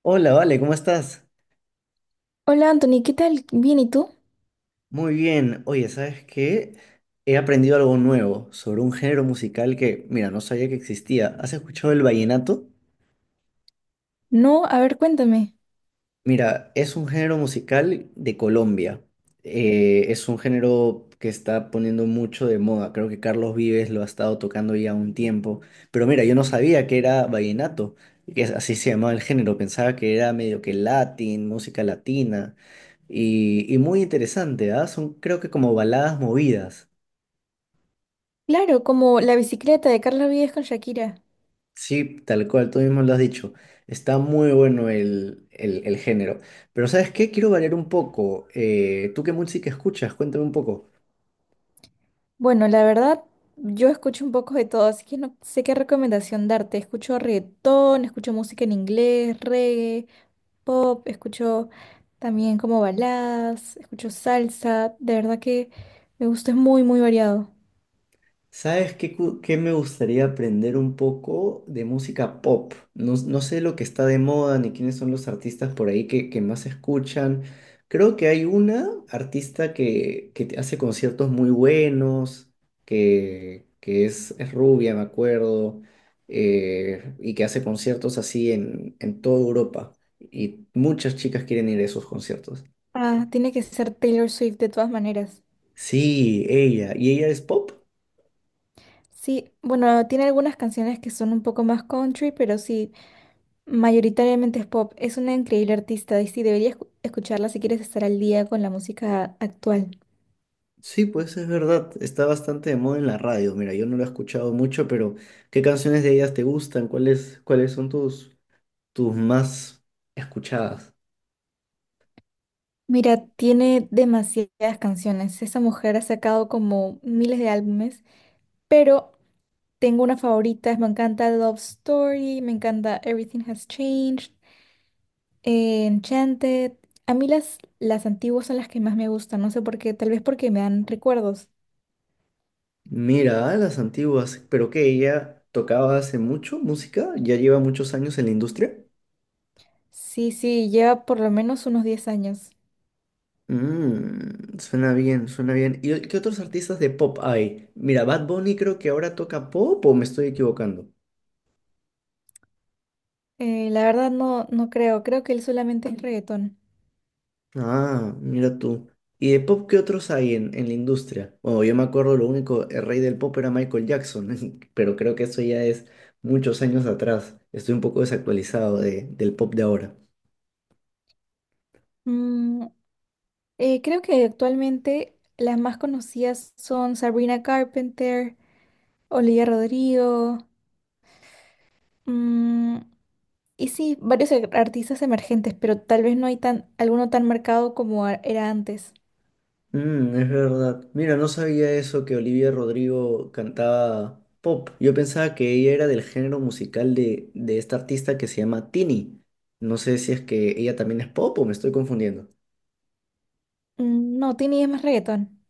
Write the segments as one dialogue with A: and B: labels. A: Hola, Vale, ¿cómo estás?
B: Hola Anthony, ¿qué tal? Bien, ¿y tú?
A: Muy bien. Oye, ¿sabes qué? He aprendido algo nuevo sobre un género musical que, mira, no sabía que existía. ¿Has escuchado el vallenato?
B: No, a ver, cuéntame.
A: Mira, es un género musical de Colombia. Es un género que está poniendo mucho de moda. Creo que Carlos Vives lo ha estado tocando ya un tiempo. Pero mira, yo no sabía que era vallenato, así se llamaba el género. Pensaba que era medio que latín, música latina. Y muy interesante, ¿ah? Son creo que como baladas movidas.
B: Claro, como la bicicleta de Carlos Vives con Shakira.
A: Sí, tal cual, tú mismo lo has dicho. Está muy bueno el género. Pero ¿sabes qué? Quiero variar un poco. ¿Tú qué música escuchas? Cuéntame un poco.
B: Bueno, la verdad, yo escucho un poco de todo, así que no sé qué recomendación darte. Escucho reggaetón, escucho música en inglés, reggae, pop, escucho también como baladas, escucho salsa. De verdad que me gusta, es muy, muy variado.
A: ¿Sabes qué, cu- qué me gustaría aprender un poco de música pop? No sé lo que está de moda ni quiénes son los artistas por ahí que más escuchan. Creo que hay una artista que te hace conciertos muy buenos, que es rubia, me acuerdo, y que hace conciertos así en toda Europa. Y muchas chicas quieren ir a esos conciertos.
B: Ah, tiene que ser Taylor Swift de todas maneras.
A: Sí, ella. ¿Y ella es pop?
B: Sí, bueno, tiene algunas canciones que son un poco más country, pero sí, mayoritariamente es pop. Es una increíble artista y sí, deberías escucharla si quieres estar al día con la música actual.
A: Sí, pues es verdad, está bastante de moda en la radio. Mira, yo no lo he escuchado mucho, pero ¿qué canciones de ellas te gustan? ¿Cuáles son tus, tus más escuchadas?
B: Mira, tiene demasiadas canciones. Esa mujer ha sacado como miles de álbumes, pero tengo una favorita. Me encanta Love Story, me encanta Everything Has Changed, Enchanted. A mí las antiguas son las que más me gustan, no sé por qué, tal vez porque me dan recuerdos.
A: Mira, ah, las antiguas, pero que ella tocaba hace mucho música, ya lleva muchos años en la industria.
B: Sí, sí, lleva por lo menos unos 10 años.
A: Mm, suena bien, suena bien. ¿Y qué otros artistas de pop hay? Mira, Bad Bunny creo que ahora toca pop o me estoy equivocando.
B: La verdad no, no creo, creo que él solamente es reggaetón.
A: Ah, mira tú. ¿Y de pop qué otros hay en la industria? Bueno, yo me acuerdo lo único, el rey del pop era Michael Jackson, pero creo que eso ya es muchos años atrás. Estoy un poco desactualizado del pop de ahora.
B: Mm, creo que actualmente las más conocidas son Sabrina Carpenter, Olivia Rodrigo, mm, y sí, varios artistas emergentes, pero tal vez no hay tan, alguno tan marcado como era antes.
A: Mm, es verdad. Mira, no sabía eso que Olivia Rodrigo cantaba pop. Yo pensaba que ella era del género musical de esta artista que se llama Tini. No sé si es que ella también es pop o me estoy confundiendo.
B: Mm, no, Tini es más reggaetón.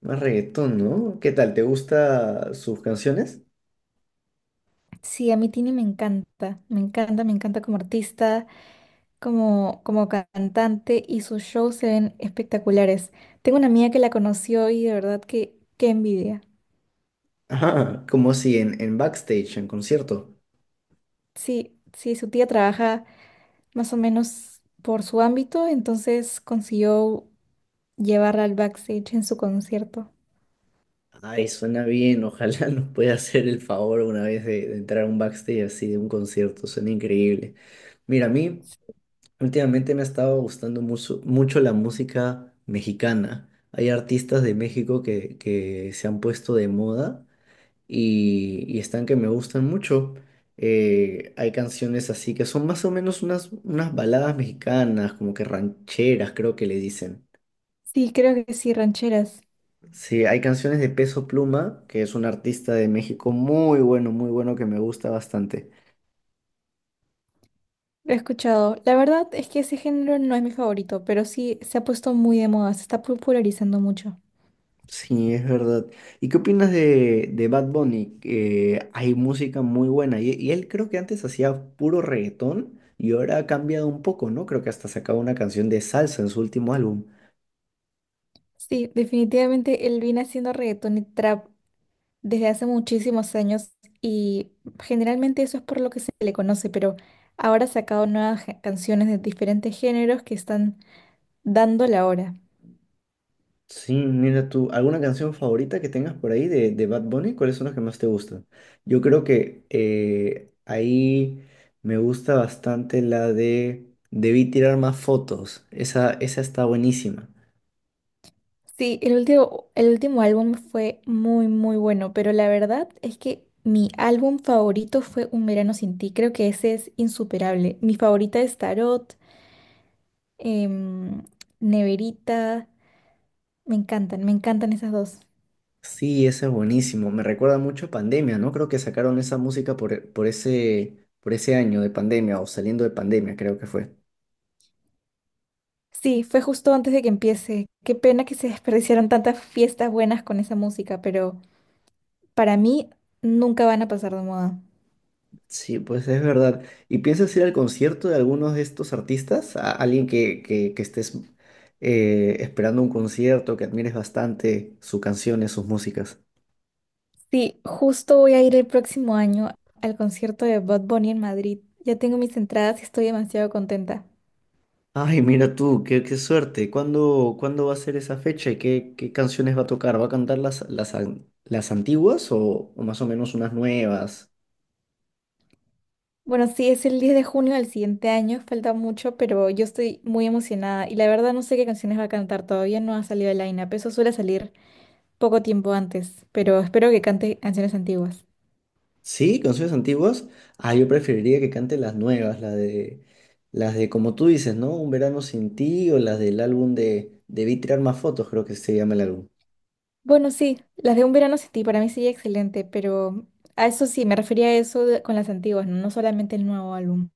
A: Más reggaetón, ¿no? ¿Qué tal? ¿Te gustan sus canciones?
B: Sí, a mí Tini me encanta, me encanta, me encanta como artista, como cantante, y sus shows se ven espectaculares. Tengo una amiga que la conoció y de verdad que qué envidia.
A: Ah, como si en backstage, en concierto.
B: Sí, sí, su tía trabaja más o menos por su ámbito, entonces consiguió llevarla al backstage en su concierto.
A: Ay, suena bien, ojalá nos pueda hacer el favor una vez de entrar a un backstage así de un concierto, suena increíble. Mira, a mí últimamente me ha estado gustando mucho, mucho la música mexicana. Hay artistas de México que se han puesto de moda y están que me gustan mucho. Hay canciones así que son más o menos unas baladas mexicanas, como que rancheras, creo que le dicen.
B: Sí, creo que sí, rancheras.
A: Sí, hay canciones de Peso Pluma, que es un artista de México muy bueno, muy bueno, que me gusta bastante.
B: Lo he escuchado. La verdad es que ese género no es mi favorito, pero sí se ha puesto muy de moda, se está popularizando mucho.
A: Sí, es verdad. ¿Y qué opinas de Bad Bunny? Hay música muy buena y él creo que antes hacía puro reggaetón y ahora ha cambiado un poco, ¿no? Creo que hasta sacaba una canción de salsa en su último álbum.
B: Sí, definitivamente él viene haciendo reggaetón y trap desde hace muchísimos años y generalmente eso es por lo que se le conoce, pero ahora ha sacado nuevas canciones de diferentes géneros que están dando la hora.
A: Sí, mira tú, ¿alguna canción favorita que tengas por ahí de Bad Bunny? ¿Cuáles son las que más te gustan? Yo creo que ahí me gusta bastante la de Debí tirar más fotos. Esa está buenísima.
B: Sí, el último álbum fue muy, muy bueno, pero la verdad es que mi álbum favorito fue Un Verano Sin Ti. Creo que ese es insuperable. Mi favorita es Tarot, em, Neverita. Me encantan esas dos.
A: Sí, esa es buenísimo. Me recuerda mucho a Pandemia, ¿no? Creo que sacaron esa música por ese año de pandemia o saliendo de pandemia, creo que fue.
B: Sí, fue justo antes de que empiece. Qué pena que se desperdiciaron tantas fiestas buenas con esa música, pero para mí nunca van a pasar de moda.
A: Sí, pues es verdad. ¿Y piensas ir al concierto de algunos de estos artistas? ¿A alguien que estés esperando un concierto, que admires bastante sus canciones, sus músicas?
B: Sí, justo voy a ir el próximo año al concierto de Bud Bunny en Madrid. Ya tengo mis entradas y estoy demasiado contenta.
A: Ay, mira tú, qué, qué suerte. ¿Cuándo va a ser esa fecha y qué, qué canciones va a tocar? ¿Va a cantar las, las antiguas o más o menos unas nuevas?
B: Bueno, sí, es el 10 de junio del siguiente año, falta mucho, pero yo estoy muy emocionada y la verdad no sé qué canciones va a cantar, todavía no ha salido el line-up, eso suele salir poco tiempo antes, pero espero que cante canciones antiguas.
A: Sí, canciones antiguas. Ah, yo preferiría que cante las nuevas, las de como tú dices, ¿no? Un verano sin ti o las del álbum de Debí tirar más fotos, creo que se llama el álbum.
B: Bueno, sí, las de Un verano sin ti para mí sería excelente, pero a eso sí, me refería a eso con las antiguas, no solamente el nuevo álbum.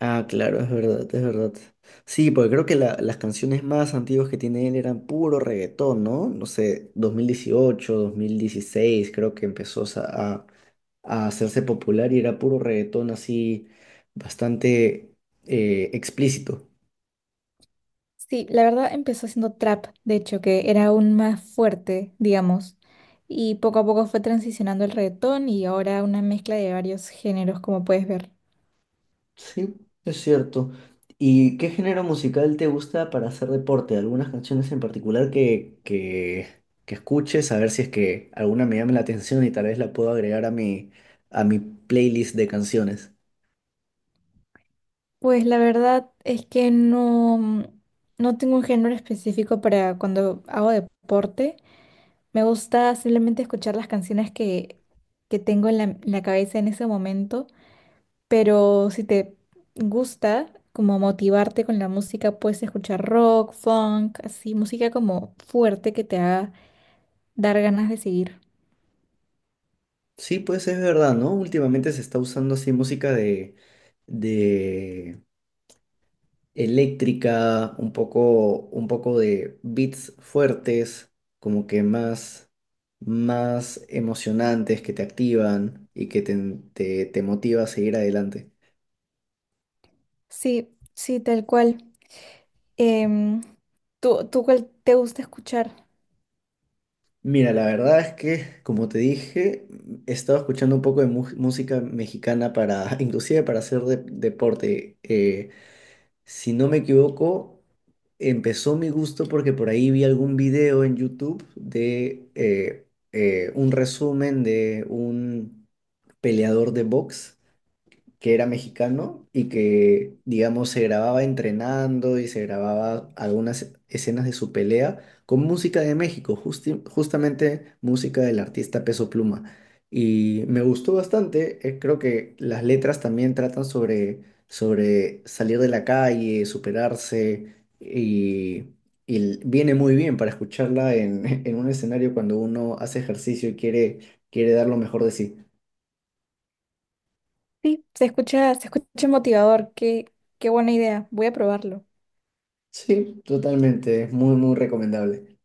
A: Ah, claro, es verdad, es verdad. Sí, porque creo que las canciones más antiguas que tiene él eran puro reggaetón, ¿no? No sé, 2018, 2016, creo que empezó a hacerse popular y era puro reggaetón así, bastante explícito.
B: Sí, la verdad empezó siendo trap, de hecho, que era aún más fuerte, digamos, y poco a poco fue transicionando el reggaetón y ahora una mezcla de varios géneros, como puedes ver.
A: Sí, es cierto. ¿Y qué género musical te gusta para hacer deporte? ¿Algunas canciones en particular que escuches? A ver si es que alguna me llame la atención y tal vez la puedo agregar a a mi playlist de canciones.
B: Pues la verdad es que no, no tengo un género específico para cuando hago deporte. Me gusta simplemente escuchar las canciones que tengo en la cabeza en ese momento. Pero si te gusta como motivarte con la música, puedes escuchar rock, funk, así, música como fuerte que te haga dar ganas de seguir.
A: Sí, pues es verdad, ¿no? Últimamente se está usando así música de eléctrica, un poco de beats fuertes, como que más, más emocionantes que te activan y que te motiva a seguir adelante.
B: Sí, sí, tal cual. Em, ¿tú cuál te gusta escuchar?
A: Mira, la verdad es que, como te dije, he estado escuchando un poco de música mexicana para, inclusive para hacer deporte. Si no me equivoco, empezó mi gusto porque por ahí vi algún video en YouTube de un resumen de un peleador de box que era mexicano y que, digamos, se grababa entrenando y se grababa algunas escenas de su pelea con música de México, justamente música del artista Peso Pluma. Y me gustó bastante, creo que las letras también tratan sobre, sobre salir de la calle, superarse y... Y viene muy bien para escucharla en, en un escenario cuando uno hace ejercicio y quiere, quiere dar lo mejor de sí.
B: Sí, se escucha motivador, qué, qué buena idea, voy a probarlo.
A: Sí, totalmente, es muy, muy recomendable.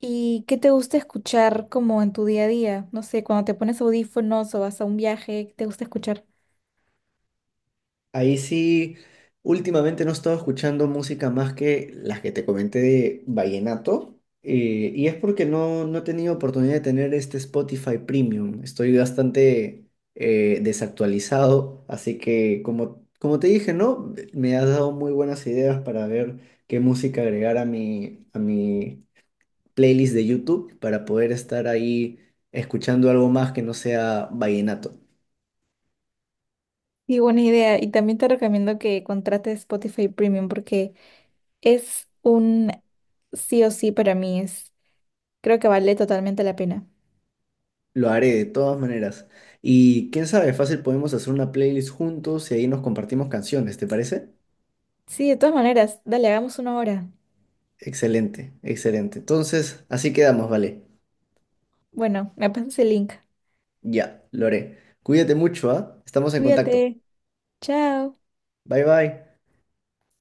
B: ¿Y qué te gusta escuchar como en tu día a día? No sé, cuando te pones audífonos o vas a un viaje, ¿qué te gusta escuchar?
A: Ahí sí, últimamente no he estado escuchando música más que las que te comenté de vallenato, y es porque no he tenido oportunidad de tener este Spotify Premium. Estoy bastante desactualizado, así que como, como te dije, ¿no? Me has dado muy buenas ideas para ver qué música agregar a a mi playlist de YouTube para poder estar ahí escuchando algo más que no sea vallenato.
B: Sí, buena idea. Y también te recomiendo que contrates Spotify Premium porque es un sí o sí para mí, es, creo que vale totalmente la pena.
A: Lo haré de todas maneras. Y quién sabe, fácil podemos hacer una playlist juntos y ahí nos compartimos canciones, ¿te parece?
B: Sí, de todas maneras, dale, hagamos una hora.
A: Excelente, excelente. Entonces, así quedamos, vale.
B: Bueno, me pasas el link.
A: Ya, lo haré. Cuídate mucho, ¿ah? Estamos en contacto.
B: Cuídate, chao.
A: Bye bye.